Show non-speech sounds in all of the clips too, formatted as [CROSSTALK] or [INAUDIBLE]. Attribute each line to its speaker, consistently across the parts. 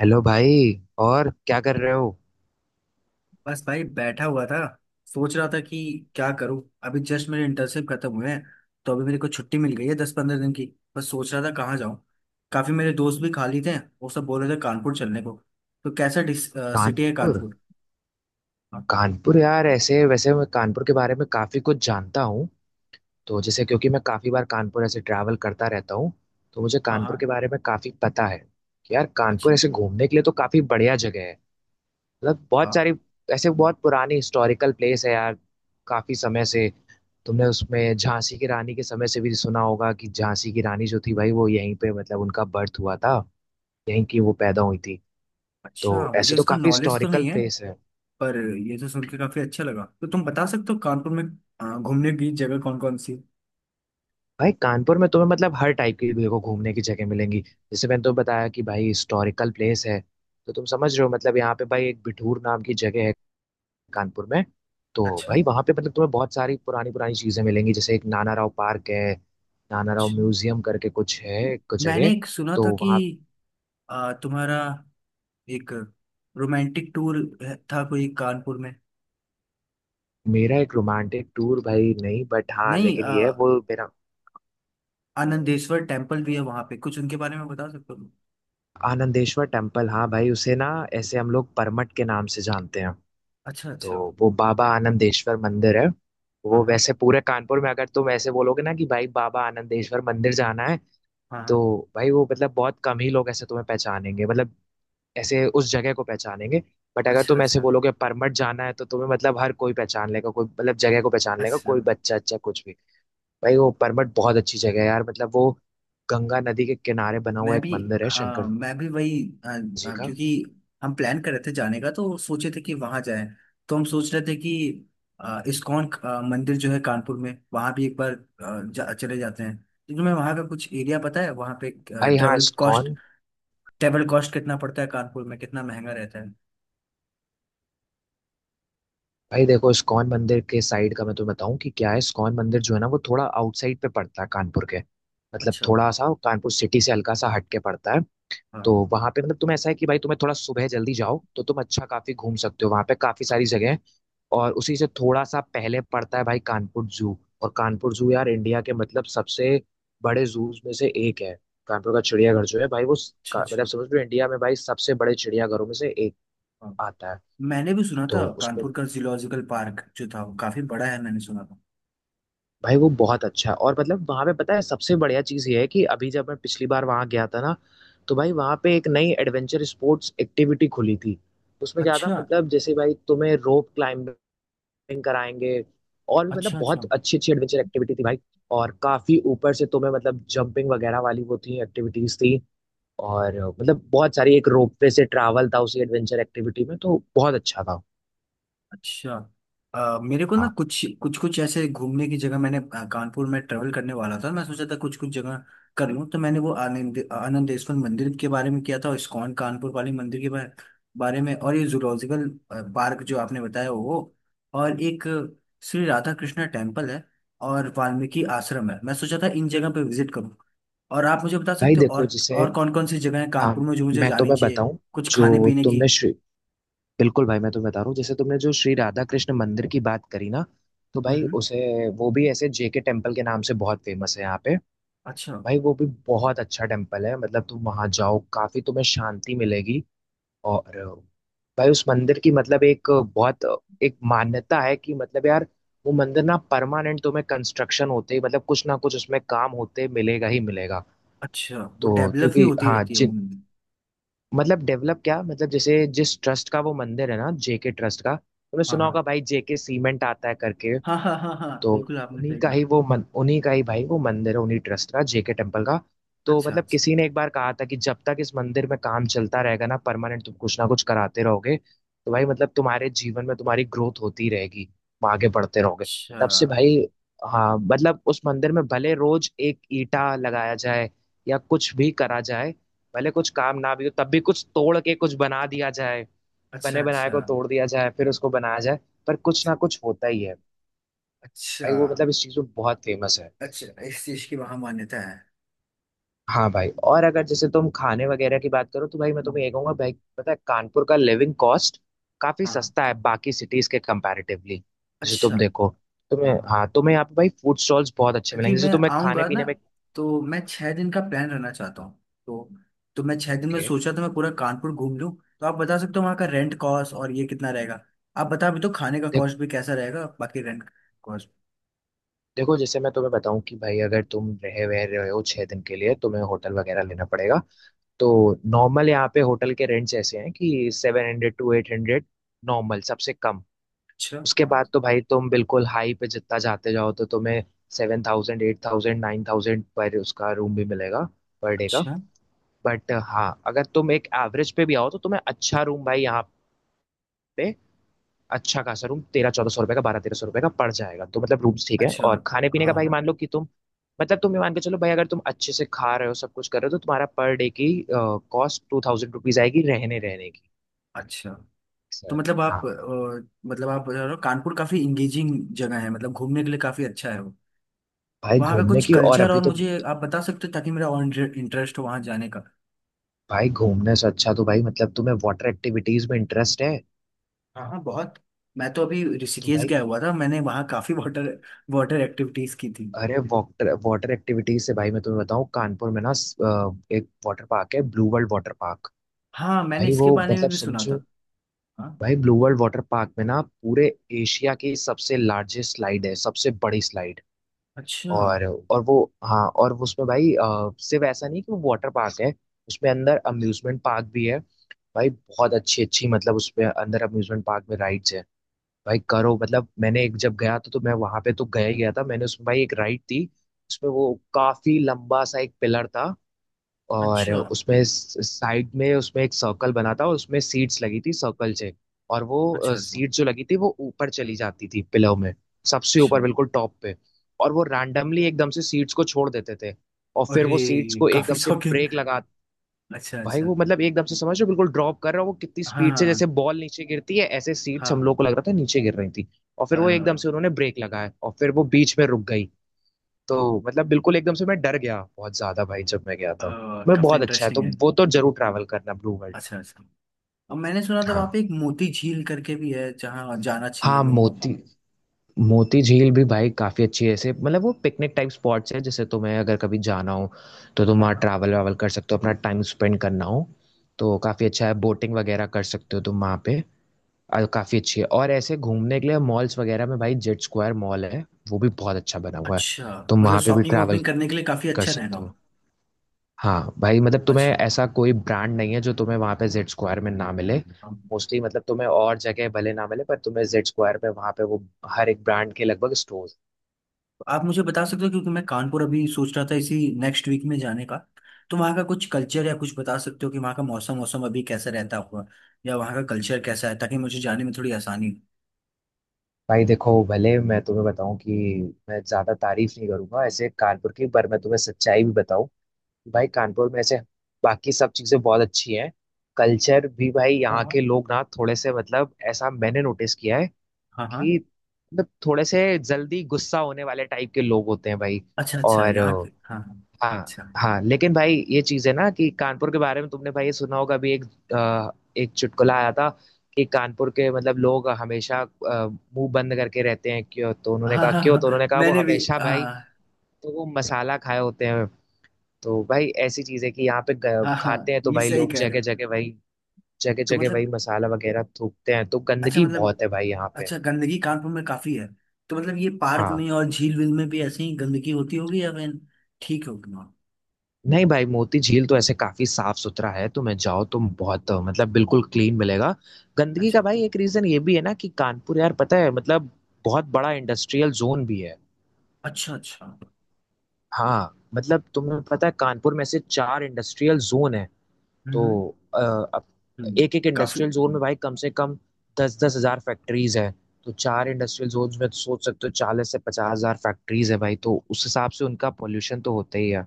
Speaker 1: Hello भाई। और क्या कर रहे हो?
Speaker 2: बस भाई बैठा हुआ था। सोच रहा था कि क्या करूं। अभी जस्ट मेरे इंटर्नशिप खत्म हुए हैं। तो अभी मेरे को छुट्टी मिल गई है 10-15 दिन की। बस सोच रहा था कहाँ जाऊं। काफी मेरे दोस्त भी खाली थे। वो सब बोल रहे थे कानपुर चलने को। तो कैसा सिटी है
Speaker 1: कानपुर
Speaker 2: कानपुर? हाँ
Speaker 1: कानपुर यार ऐसे वैसे मैं कानपुर के बारे में काफ़ी कुछ जानता हूँ। तो जैसे क्योंकि मैं काफ़ी बार कानपुर ऐसे ट्रैवल करता रहता हूँ, तो मुझे
Speaker 2: हाँ
Speaker 1: कानपुर
Speaker 2: हाँ,
Speaker 1: के बारे में काफ़ी पता है कि यार कानपुर
Speaker 2: अच्छी।
Speaker 1: ऐसे घूमने के लिए तो काफ़ी बढ़िया जगह है। मतलब बहुत
Speaker 2: हाँ।
Speaker 1: सारी ऐसे बहुत पुरानी हिस्टोरिकल प्लेस है यार। काफ़ी समय से तुमने उसमें झांसी की रानी के समय से भी सुना होगा कि झांसी की रानी जो थी भाई वो यहीं पे मतलब उनका बर्थ हुआ था। यहीं की वो पैदा हुई थी। तो
Speaker 2: अच्छा, मुझे
Speaker 1: ऐसे तो
Speaker 2: इसका
Speaker 1: काफी
Speaker 2: नॉलेज तो
Speaker 1: हिस्टोरिकल
Speaker 2: नहीं है।
Speaker 1: प्लेस है।
Speaker 2: पर ये तो सुन के काफी अच्छा लगा। तो तुम बता सकते हो कानपुर में घूमने की जगह कौन कौन सी है?
Speaker 1: भाई कानपुर में तुम्हें मतलब हर टाइप की देखो घूमने की जगह मिलेंगी, जैसे मैंने तो बताया कि भाई हिस्टोरिकल प्लेस है। तो तुम समझ रहे हो मतलब यहाँ पे भाई एक बिठूर नाम की जगह है कानपुर में। तो
Speaker 2: अच्छा
Speaker 1: भाई वहाँ पे मतलब तुम्हें बहुत सारी पुरानी पुरानी चीजें मिलेंगी, जैसे एक नाना राव पार्क है। नाना राव
Speaker 2: अच्छा।
Speaker 1: म्यूजियम करके कुछ है एक
Speaker 2: मैंने
Speaker 1: जगह।
Speaker 2: एक सुना
Speaker 1: तो
Speaker 2: था कि
Speaker 1: वहाँ
Speaker 2: तुम्हारा एक रोमांटिक टूर था कोई कानपुर में।
Speaker 1: मेरा एक रोमांटिक टूर भाई नहीं, बट हाँ
Speaker 2: नहीं,
Speaker 1: लेकिन ये है वो मेरा।
Speaker 2: आनंदेश्वर टेम्पल भी है वहां पे, कुछ उनके बारे में बता सकते हो?
Speaker 1: आनंदेश्वर टेम्पल, हाँ भाई उसे ना ऐसे हम लोग परमट के नाम से जानते हैं।
Speaker 2: अच्छा
Speaker 1: तो
Speaker 2: अच्छा।
Speaker 1: वो बाबा आनंदेश्वर मंदिर है।
Speaker 2: हाँ
Speaker 1: वो
Speaker 2: हाँ,
Speaker 1: वैसे पूरे कानपुर में अगर तुम ऐसे बोलोगे ना कि भाई बाबा आनंदेश्वर मंदिर जाना है,
Speaker 2: हाँ हाँ,
Speaker 1: तो भाई वो मतलब बहुत कम ही लोग ऐसे तुम्हें पहचानेंगे मतलब ऐसे उस जगह को पहचानेंगे। बट अगर
Speaker 2: अच्छा
Speaker 1: तुम ऐसे
Speaker 2: अच्छा।
Speaker 1: बोलोगे परमठ जाना है, तो तुम्हें मतलब हर कोई पहचान लेगा, कोई मतलब जगह को पहचान लेगा
Speaker 2: अच्छा,
Speaker 1: कोई बच्चा, अच्छा कुछ भी। भाई वो परमठ बहुत अच्छी जगह है यार, मतलब वो गंगा नदी के किनारे बना हुआ
Speaker 2: मैं
Speaker 1: एक
Speaker 2: भी।
Speaker 1: मंदिर है
Speaker 2: हाँ,
Speaker 1: शंकर
Speaker 2: मैं भी वही,
Speaker 1: जी का।
Speaker 2: क्योंकि हम प्लान कर रहे थे जाने का, तो सोचे थे कि वहां जाएं। तो हम सोच रहे थे कि इस्कॉन मंदिर जो है कानपुर में वहां भी एक बार चले जाते हैं। तो तुम्हें वहां का कुछ एरिया पता है वहां पे?
Speaker 1: भाई हाँ,
Speaker 2: travel cost
Speaker 1: ISKCON.
Speaker 2: Travel cost कितना पड़ता है कानपुर में? कितना महंगा रहता है?
Speaker 1: भाई देखो इस्कॉन मंदिर के साइड का मैं तुम्हें बताऊं कि क्या है, इस्कॉन मंदिर जो है ना वो थोड़ा आउटसाइड पे पड़ता है कानपुर के। मतलब
Speaker 2: अच्छा।
Speaker 1: थोड़ा सा कानपुर सिटी से हल्का सा हट के पड़ता है। तो
Speaker 2: हाँ।
Speaker 1: वहां पे मतलब तुम, ऐसा है कि भाई तुम्हें थोड़ा सुबह जल्दी जाओ तो तुम अच्छा काफी घूम सकते हो, वहां पे काफी सारी जगह है। और उसी से थोड़ा सा पहले पड़ता है भाई कानपुर जू। और कानपुर जू यार इंडिया के मतलब सबसे बड़े जू में से एक है। कानपुर का चिड़ियाघर जो है भाई वो
Speaker 2: अच्छा अच्छा।
Speaker 1: मतलब समझ लो इंडिया में भाई सबसे बड़े चिड़ियाघरों में से एक
Speaker 2: हाँ,
Speaker 1: आता है।
Speaker 2: मैंने भी सुना था
Speaker 1: तो उसमें
Speaker 2: कानपुर का जियोलॉजिकल पार्क जो था वो काफी बड़ा है, मैंने सुना था।
Speaker 1: भाई वो बहुत अच्छा है, और मतलब वहाँ पे पता है सबसे बढ़िया चीज़ ये है कि अभी जब मैं पिछली बार वहाँ गया था ना तो भाई वहाँ पे एक नई एडवेंचर स्पोर्ट्स एक्टिविटी खुली थी। उसमें क्या था
Speaker 2: अच्छा
Speaker 1: मतलब जैसे भाई तुम्हें रोप क्लाइंबिंग कराएंगे। और भी मतलब
Speaker 2: अच्छा अच्छा।
Speaker 1: बहुत अच्छी अच्छी एडवेंचर एक्टिविटी थी भाई। और काफी ऊपर से तुम्हें मतलब जंपिंग वगैरह वाली वो थी एक्टिविटीज थी। और मतलब बहुत सारी, एक रोप वे से ट्रैवल था उसी एडवेंचर एक्टिविटी में, तो बहुत अच्छा था।
Speaker 2: अच्छा। मेरे को ना
Speaker 1: हाँ
Speaker 2: कुछ कुछ कुछ ऐसे घूमने की जगह, मैंने कानपुर में ट्रेवल करने वाला था, मैं सोचा था कुछ कुछ जगह कर लूँ। तो मैंने वो आनंदेश्वर मंदिर के बारे में किया था, और इस्कॉन कानपुर वाली मंदिर के बारे बारे में, और ये जूलॉजिकल पार्क जो आपने बताया वो, और एक श्री राधा कृष्णा टेम्पल है, और वाल्मीकि आश्रम है। मैं सोचा था इन जगह पे विजिट करूँ। और आप मुझे बता
Speaker 1: भाई
Speaker 2: सकते हो
Speaker 1: देखो
Speaker 2: और
Speaker 1: जैसे,
Speaker 2: कौन कौन सी जगह है
Speaker 1: हाँ
Speaker 2: कानपुर में जो मुझे
Speaker 1: मैं
Speaker 2: जानी
Speaker 1: तुम्हें
Speaker 2: चाहिए?
Speaker 1: बताऊं,
Speaker 2: कुछ खाने
Speaker 1: जो
Speaker 2: पीने की।
Speaker 1: तुमने श्री बिल्कुल भाई मैं तुम्हें बता रहा हूँ, जैसे तुमने जो श्री राधा कृष्ण मंदिर की बात करी ना, तो
Speaker 2: हम्म
Speaker 1: भाई
Speaker 2: हम्म,
Speaker 1: उसे वो भी ऐसे जेके टेम्पल के नाम से बहुत फेमस है यहाँ पे।
Speaker 2: अच्छा
Speaker 1: भाई वो भी बहुत अच्छा टेम्पल है, मतलब तुम वहां जाओ काफी तुम्हें शांति मिलेगी। और भाई उस मंदिर की मतलब एक मान्यता है कि मतलब यार वो मंदिर ना परमानेंट तुम्हें कंस्ट्रक्शन होते ही मतलब कुछ ना कुछ उसमें काम होते मिलेगा ही मिलेगा।
Speaker 2: अच्छा। वो
Speaker 1: तो
Speaker 2: डेवलप ही
Speaker 1: क्योंकि
Speaker 2: होती
Speaker 1: हाँ,
Speaker 2: रहती है वो मूवी?
Speaker 1: मतलब डेवलप क्या, मतलब जैसे जिस ट्रस्ट का वो मंदिर है ना, जेके ट्रस्ट का तुमने
Speaker 2: हाँ
Speaker 1: सुना
Speaker 2: हाँ।
Speaker 1: होगा भाई, जेके सीमेंट आता है करके।
Speaker 2: हाँ हाँ हाँ हाँ
Speaker 1: तो
Speaker 2: बिल्कुल आपने
Speaker 1: उन्हीं
Speaker 2: सही
Speaker 1: का ही
Speaker 2: कहा।
Speaker 1: वो मन उन्हीं का ही भाई वो मंदिर है उन्हीं ट्रस्ट का, जेके टेम्पल का। तो
Speaker 2: अच्छा
Speaker 1: मतलब
Speaker 2: अच्छा।
Speaker 1: किसी ने एक बार कहा था कि जब तक इस मंदिर में काम चलता रहेगा ना, परमानेंट तुम कुछ ना कुछ कराते रहोगे तो भाई मतलब तुम्हारे जीवन में तुम्हारी ग्रोथ होती रहेगी, तुम आगे बढ़ते रहोगे।
Speaker 2: अच्छा
Speaker 1: तब से भाई, हाँ मतलब उस मंदिर में भले रोज एक ईंटा लगाया जाए या कुछ भी करा जाए, भले कुछ काम ना भी हो तब भी कुछ तोड़ के कुछ बना दिया जाए।
Speaker 2: अच्छा।
Speaker 1: बने बनाए
Speaker 2: अच्छा।
Speaker 1: को तोड़ दिया जाए फिर उसको बनाया जाए, पर कुछ ना कुछ होता ही है।
Speaker 2: अच्छा।
Speaker 1: भाई वो मतलब इस चीज में बहुत फेमस है।
Speaker 2: अच्छा इस चीज की वहां मान्यता है।
Speaker 1: हाँ भाई, और अगर जैसे तुम खाने वगैरह की बात करो तो भाई मैं
Speaker 2: हम्म,
Speaker 1: तुम्हें ये कहूंगा भाई, पता है कानपुर का लिविंग कॉस्ट काफी
Speaker 2: हाँ।
Speaker 1: सस्ता है बाकी सिटीज के कंपैरेटिवली। जैसे
Speaker 2: अच्छा।
Speaker 1: तुम देखो, तुम्हें
Speaker 2: हाँ हाँ।
Speaker 1: हाँ तुम्हें यहाँ पे भाई फूड स्टॉल्स बहुत अच्छे
Speaker 2: क्योंकि
Speaker 1: मिलेंगे, जैसे
Speaker 2: मैं
Speaker 1: तुम्हें खाने
Speaker 2: आऊंगा ना,
Speaker 1: पीने में।
Speaker 2: तो मैं 6 दिन का प्लान रहना चाहता हूँ। तो मैं छह दिन में
Speaker 1: ओके।
Speaker 2: सोचा तो मैं पूरा कानपुर घूम लूँ। तो आप बता सकते हो वहाँ का रेंट कॉस्ट और ये कितना रहेगा? आप बता भी, तो खाने का
Speaker 1: देख,
Speaker 2: कॉस्ट भी कैसा रहेगा, बाकी रेंट कॉस्ट?
Speaker 1: देखो जैसे मैं तुम्हें बताऊं कि भाई अगर तुम रहे वह रहे हो 6 दिन के लिए, तुम्हें होटल वगैरह लेना पड़ेगा। तो नॉर्मल यहाँ पे होटल के रेंट्स ऐसे हैं कि 700 टू 800, नॉर्मल सबसे कम।
Speaker 2: अच्छा
Speaker 1: उसके
Speaker 2: हाँ।
Speaker 1: बाद तो भाई तुम बिल्कुल हाई पे जितना जाते जाओ तो तुम्हें 7000, 8000, 9000 पर उसका रूम भी मिलेगा, पर डे का।
Speaker 2: अच्छा
Speaker 1: बट हाँ, अगर तुम एक एवरेज पे भी आओ तो तुम्हें अच्छा रूम भाई यहाँ पे, अच्छा खासा रूम 1300-1400 रुपए का, 1200-1300 रुपए का पड़ जाएगा, तो मतलब रूम्स ठीक है।
Speaker 2: अच्छा।
Speaker 1: और खाने पीने का
Speaker 2: हाँ
Speaker 1: भाई
Speaker 2: हाँ,
Speaker 1: मान लो कि तुम, मतलब तुम ये मान के चलो भाई अगर तुम अच्छे से खा रहे हो सब कुछ कर रहे हो, तो तुम्हारा पर डे की कॉस्ट 2000 रुपीज आएगी रहने रहने की,
Speaker 2: अच्छा। तो
Speaker 1: सर।
Speaker 2: मतलब आप,
Speaker 1: हाँ
Speaker 2: मतलब आप बता रहे हो, कानपुर काफी इंगेजिंग जगह है, मतलब घूमने के लिए काफी अच्छा है वो।
Speaker 1: भाई,
Speaker 2: वहाँ का
Speaker 1: घूमने
Speaker 2: कुछ
Speaker 1: की और
Speaker 2: कल्चर
Speaker 1: अभी
Speaker 2: और
Speaker 1: तो,
Speaker 2: मुझे आप बता सकते हो, ताकि मेरा और इंटरेस्ट हो वहाँ जाने का।
Speaker 1: भाई घूमने से अच्छा तो भाई मतलब तुम्हें वाटर एक्टिविटीज में इंटरेस्ट है,
Speaker 2: हाँ हाँ, बहुत। मैं तो अभी
Speaker 1: तो
Speaker 2: ऋषिकेश
Speaker 1: भाई,
Speaker 2: गया हुआ था, मैंने वहाँ काफी वाटर वाटर एक्टिविटीज की थी।
Speaker 1: अरे वाटर वाटर एक्टिविटीज से भाई मैं तुम्हें बताऊं कानपुर में ना एक वाटर पार्क है, ब्लू वर्ल्ड वाटर पार्क।
Speaker 2: हाँ, मैंने
Speaker 1: भाई वो
Speaker 2: इसके बारे में
Speaker 1: मतलब
Speaker 2: भी सुना
Speaker 1: समझो,
Speaker 2: था। हाँ।
Speaker 1: भाई ब्लू वर्ल्ड वाटर पार्क में ना पूरे एशिया की सबसे लार्जेस्ट स्लाइड है, सबसे बड़ी स्लाइड।
Speaker 2: अच्छा।
Speaker 1: और और वो हाँ और वो उसमें भाई सिर्फ ऐसा नहीं कि वो वाटर पार्क है, उसमें अंदर अम्यूजमेंट पार्क भी है। भाई बहुत अच्छी अच्छी, मतलब उसमें अंदर अम्यूजमेंट पार्क में राइड्स है भाई। करो मतलब मैंने एक जब गया था तो मैं वहां पे तो गया ही गया था, मैंने उसमें भाई एक राइड थी, उसमें वो काफी लंबा सा एक पिलर था, और
Speaker 2: अच्छा
Speaker 1: उसमें साइड में उसमें एक सर्कल बना था और उसमें सीट्स लगी थी सर्कल से। और वो
Speaker 2: अच्छा। अच्छा
Speaker 1: सीट जो लगी थी वो ऊपर चली जाती थी पिलर में, सबसे
Speaker 2: अच्छा।
Speaker 1: ऊपर बिल्कुल टॉप पे। और वो रैंडमली एकदम से सीट्स को छोड़ देते थे, और फिर
Speaker 2: अरे!
Speaker 1: वो सीट्स को
Speaker 2: काफी
Speaker 1: एकदम से
Speaker 2: शॉकिंग।
Speaker 1: ब्रेक लगा।
Speaker 2: अच्छा
Speaker 1: भाई
Speaker 2: अच्छा।
Speaker 1: वो मतलब एकदम से समझ रहे हो बिल्कुल ड्रॉप कर रहा है वो, कितनी स्पीड से
Speaker 2: हाँ
Speaker 1: जैसे बॉल नीचे गिरती है ऐसे सीट्स
Speaker 2: हाँ
Speaker 1: हम लोग
Speaker 2: हाँ।
Speaker 1: को लग रहा था नीचे गिर रही थी। और फिर
Speaker 2: अ,
Speaker 1: वो एकदम से उन्होंने ब्रेक लगाया और फिर वो बीच में रुक गई। तो मतलब बिल्कुल एकदम से मैं डर गया बहुत ज्यादा भाई जब मैं गया था। मैं
Speaker 2: काफी
Speaker 1: बहुत अच्छा है, तो
Speaker 2: इंटरेस्टिंग है।
Speaker 1: वो तो जरूर ट्रैवल करना, ब्लू वर्ल्ड।
Speaker 2: अच्छा अच्छा। अब मैंने सुना था
Speaker 1: हाँ
Speaker 2: वहां पे एक मोती झील करके भी है, जहाँ जाना चाहिए
Speaker 1: हाँ,
Speaker 2: लोगों को।
Speaker 1: मोती मोती झील भी भाई काफी अच्छी है, ऐसे मतलब वो पिकनिक टाइप स्पॉट्स है, जैसे तुम्हें अगर कभी जाना हो तो तुम
Speaker 2: हाँ
Speaker 1: वहाँ
Speaker 2: हाँ।
Speaker 1: ट्रैवल वावल कर सकते हो, अपना टाइम स्पेंड करना हो, तो काफी अच्छा है, बोटिंग वगैरह कर सकते हो तुम वहाँ पे। काफी अच्छी है। और ऐसे घूमने के लिए मॉल्स वगैरह में भाई जेड स्क्वायर मॉल है, वो भी बहुत अच्छा बना हुआ है।
Speaker 2: अच्छा।
Speaker 1: तुम
Speaker 2: मतलब
Speaker 1: वहां पे भी
Speaker 2: शॉपिंग
Speaker 1: ट्रैवल
Speaker 2: वॉपिंग करने के लिए काफी
Speaker 1: कर
Speaker 2: अच्छा रहेगा
Speaker 1: सकते
Speaker 2: वो।
Speaker 1: हो। हाँ भाई मतलब तुम्हें
Speaker 2: अच्छा।
Speaker 1: ऐसा कोई ब्रांड नहीं है जो तुम्हें वहां पे जेड स्क्वायर में ना मिले।
Speaker 2: अब
Speaker 1: मोस्टली मतलब तुम्हें और जगह भले ना मिले, पर तुम्हें जेड स्क्वायर पे वहां पे वो हर एक ब्रांड के लगभग स्टोर।
Speaker 2: आप मुझे बता सकते हो, क्योंकि मैं कानपुर अभी सोच रहा था इसी नेक्स्ट वीक में जाने का। तो वहाँ का कुछ कल्चर या कुछ बता सकते हो कि वहाँ का मौसम मौसम अभी कैसा रहता होगा? या वहाँ का कल्चर कैसा है, ताकि मुझे जाने में थोड़ी आसानी
Speaker 1: भाई देखो भले मैं तुम्हें बताऊं कि मैं ज्यादा तारीफ नहीं करूंगा ऐसे कानपुर की, पर मैं तुम्हें सच्चाई भी बताऊं, भाई कानपुर में से बाकी सब चीजें बहुत अच्छी हैं। कल्चर भी भाई
Speaker 2: हो। हाँ
Speaker 1: यहाँ के
Speaker 2: हाँ।
Speaker 1: लोग ना थोड़े से, मतलब ऐसा मैंने नोटिस किया है
Speaker 2: हाँ हाँ।
Speaker 1: कि मतलब थोड़े से जल्दी गुस्सा होने वाले टाइप के लोग होते हैं भाई।
Speaker 2: अच्छा अच्छा,
Speaker 1: और
Speaker 2: यहाँ के। हाँ हाँ,
Speaker 1: हाँ
Speaker 2: अच्छा।
Speaker 1: हाँ, लेकिन भाई ये चीज है ना कि कानपुर के बारे में तुमने भाई ये सुना होगा, अभी अ, एक चुटकुला आया था कि कानपुर के मतलब लोग हमेशा मुंह बंद करके रहते हैं क्यों, तो उन्होंने
Speaker 2: हाँ
Speaker 1: कहा
Speaker 2: हाँ
Speaker 1: क्यों तो उन्होंने
Speaker 2: हाँ,
Speaker 1: कहा वो
Speaker 2: मैंने भी।
Speaker 1: हमेशा
Speaker 2: हाँ
Speaker 1: भाई,
Speaker 2: हाँ।
Speaker 1: तो वो मसाला खाए होते हैं। तो भाई ऐसी चीज है कि यहाँ पे
Speaker 2: हाँ
Speaker 1: खाते
Speaker 2: हाँ,
Speaker 1: हैं तो
Speaker 2: ये
Speaker 1: भाई
Speaker 2: सही
Speaker 1: लोग
Speaker 2: कह रहे
Speaker 1: जगह
Speaker 2: हो।
Speaker 1: जगह वही जगह
Speaker 2: तो
Speaker 1: जगह
Speaker 2: मतलब,
Speaker 1: वही मसाला वगैरह थूकते हैं, तो
Speaker 2: अच्छा
Speaker 1: गंदगी
Speaker 2: मतलब,
Speaker 1: बहुत है भाई यहाँ पे।
Speaker 2: अच्छा, गंदगी कानपुर में काफी है। तो मतलब ये पार्क
Speaker 1: हाँ।
Speaker 2: में और झील वील में भी ऐसे ही गंदगी होती होगी, या फिर ठीक होगी वहाँ?
Speaker 1: नहीं भाई, मोती झील तो ऐसे काफी साफ सुथरा है, तुम्हें जाओ तुम बहुत मतलब बिल्कुल क्लीन मिलेगा। गंदगी का
Speaker 2: अच्छा
Speaker 1: भाई एक रीजन ये भी है ना कि कानपुर यार पता है मतलब बहुत बड़ा इंडस्ट्रियल जोन भी है।
Speaker 2: अच्छा। अच्छा।
Speaker 1: हाँ मतलब तुम्हें पता है कानपुर में से चार इंडस्ट्रियल जोन है। तो
Speaker 2: हम्म
Speaker 1: अ, अब
Speaker 2: हम्म।
Speaker 1: एक एक
Speaker 2: काफी।
Speaker 1: इंडस्ट्रियल जोन में भाई कम से कम 10-10 हज़ार फैक्ट्रीज है। तो चार इंडस्ट्रियल जोन में तो सोच सकते हो 40-50 हज़ार फैक्ट्रीज है भाई, तो उस हिसाब से उनका पोल्यूशन तो होता ही है।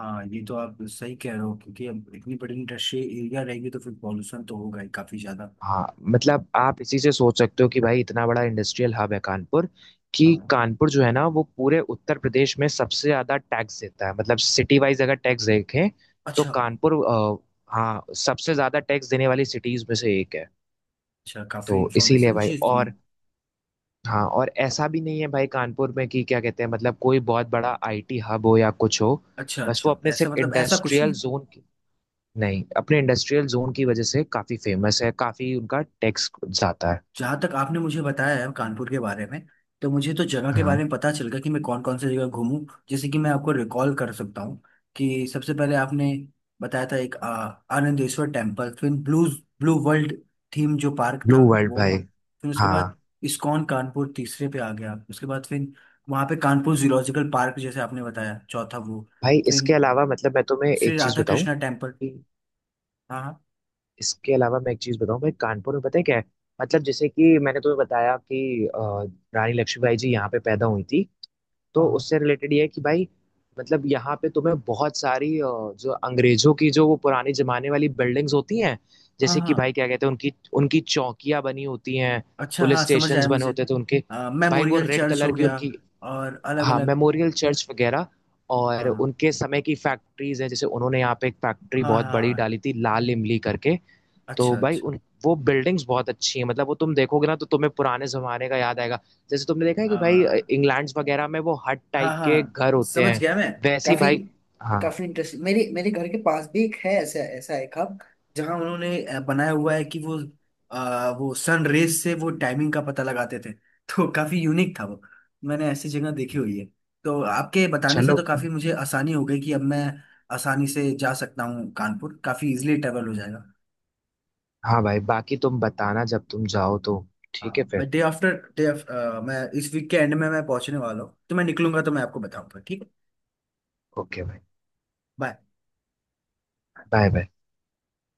Speaker 2: हाँ, ये तो आप सही कह रहे हो, क्योंकि अब इतनी बड़ी इंडस्ट्रियल एरिया रहेगी तो फिर पॉल्यूशन तो होगा ही काफी ज्यादा।
Speaker 1: हाँ मतलब आप इसी से सोच सकते हो कि भाई इतना बड़ा इंडस्ट्रियल हब है कानपुर, कि
Speaker 2: हाँ।
Speaker 1: कानपुर जो है ना वो पूरे उत्तर प्रदेश में सबसे ज्यादा टैक्स देता है, मतलब सिटी वाइज अगर टैक्स देखें, तो
Speaker 2: अच्छा
Speaker 1: कानपुर हाँ सबसे ज्यादा टैक्स देने वाली सिटीज में से एक है।
Speaker 2: अच्छा। काफी
Speaker 1: तो इसीलिए
Speaker 2: इंफॉर्मेशन
Speaker 1: भाई,
Speaker 2: चीज थी।
Speaker 1: और हाँ, और ऐसा भी नहीं है भाई कानपुर में कि क्या कहते हैं मतलब कोई बहुत बड़ा आईटी हब हो या कुछ हो।
Speaker 2: अच्छा
Speaker 1: बस वो
Speaker 2: अच्छा,
Speaker 1: अपने
Speaker 2: ऐसा
Speaker 1: सिर्फ
Speaker 2: मतलब ऐसा कुछ
Speaker 1: इंडस्ट्रियल
Speaker 2: नहीं।
Speaker 1: जोन की, नहीं अपने इंडस्ट्रियल जोन की वजह से काफी फेमस है, काफी उनका टैक्स जाता है।
Speaker 2: जहाँ तक आपने मुझे बताया है कानपुर के बारे में, तो मुझे तो जगह के बारे
Speaker 1: हाँ,
Speaker 2: में पता चल गया कि मैं कौन कौन सी जगह घूमूं। जैसे कि मैं आपको रिकॉल कर सकता हूँ कि सबसे पहले आपने बताया था एक, आनंदेश्वर टेम्पल। फिर ब्लू ब्लू वर्ल्ड थीम जो पार्क
Speaker 1: ब्लू
Speaker 2: था
Speaker 1: वर्ल्ड
Speaker 2: वो।
Speaker 1: भाई।
Speaker 2: फिर उसके
Speaker 1: हाँ
Speaker 2: बाद इस्कॉन कानपुर तीसरे पे आ गया। उसके बाद फिर वहाँ पे कानपुर जूलॉजिकल पार्क, जैसे आपने बताया, चौथा वो।
Speaker 1: भाई,
Speaker 2: फिर
Speaker 1: इसके अलावा मतलब मैं तुम्हें एक
Speaker 2: श्री
Speaker 1: चीज
Speaker 2: राधा
Speaker 1: बताऊं
Speaker 2: कृष्णा टेम्पल।
Speaker 1: कि,
Speaker 2: हाँ हाँ।
Speaker 1: इसके अलावा मैं एक चीज बताऊं भाई, कानपुर में पता है क्या है, मतलब जैसे कि मैंने तुम्हें बताया कि रानी लक्ष्मीबाई जी यहाँ पे पैदा हुई थी,
Speaker 2: हाँ
Speaker 1: तो
Speaker 2: हाँ।
Speaker 1: उससे रिलेटेड ये है कि भाई मतलब यहाँ पे तुम्हें बहुत सारी जो अंग्रेजों की जो वो पुराने जमाने वाली बिल्डिंग्स होती हैं,
Speaker 2: हाँ
Speaker 1: जैसे कि
Speaker 2: हाँ,
Speaker 1: भाई क्या कहते हैं, उनकी उनकी चौकियाँ बनी होती हैं,
Speaker 2: अच्छा
Speaker 1: पुलिस
Speaker 2: हाँ समझ
Speaker 1: स्टेशन
Speaker 2: आया
Speaker 1: बने
Speaker 2: मुझे।
Speaker 1: होते हैं तो उनके भाई वो
Speaker 2: मेमोरियल
Speaker 1: रेड
Speaker 2: चर्च
Speaker 1: कलर
Speaker 2: हो
Speaker 1: की
Speaker 2: गया,
Speaker 1: उनकी,
Speaker 2: और अलग
Speaker 1: हाँ
Speaker 2: अलग।
Speaker 1: मेमोरियल चर्च वगैरह, और
Speaker 2: हाँ
Speaker 1: उनके समय की फैक्ट्रीज है, जैसे उन्होंने यहाँ पे एक फैक्ट्री
Speaker 2: हाँ
Speaker 1: बहुत
Speaker 2: हाँ
Speaker 1: बड़ी
Speaker 2: हाँ,
Speaker 1: डाली थी लाल इमली करके। तो
Speaker 2: अच्छा
Speaker 1: भाई
Speaker 2: अच्छा।
Speaker 1: उन वो बिल्डिंग्स बहुत अच्छी हैं, मतलब वो तुम देखोगे ना तो तुम्हें पुराने जमाने का याद आएगा, जैसे तुमने देखा है कि भाई
Speaker 2: आ,
Speaker 1: इंग्लैंड वगैरह में वो हट टाइप
Speaker 2: हाँ
Speaker 1: के
Speaker 2: हाँ,
Speaker 1: घर होते
Speaker 2: समझ
Speaker 1: हैं,
Speaker 2: गया मैं।
Speaker 1: वैसे ही
Speaker 2: काफी,
Speaker 1: भाई। हाँ,
Speaker 2: इंटरेस्टिंग। मेरे मेरे घर के पास भी एक है ऐसा, एक हब, जहाँ उन्होंने बनाया हुआ है कि वो सन रेज से वो टाइमिंग का पता लगाते थे [LAUGHS] तो काफी यूनिक था वो। मैंने ऐसी जगह देखी हुई है। तो आपके बताने से
Speaker 1: चलो
Speaker 2: तो
Speaker 1: [LAUGHS]
Speaker 2: काफी मुझे आसानी हो गई कि अब मैं आसानी से जा सकता हूँ। कानपुर काफी इजिली ट्रेवल हो जाएगा।
Speaker 1: हाँ भाई, बाकी तुम बताना जब तुम जाओ तो, ठीक है
Speaker 2: हाँ, मैं
Speaker 1: फिर।
Speaker 2: डे आफ्टर डे मैं इस वीक के एंड में मैं पहुंचने वाला हूँ। तो मैं निकलूंगा तो मैं आपको बताऊंगा, ठीक है।
Speaker 1: ओके भाई।
Speaker 2: बाय।
Speaker 1: Bye bye.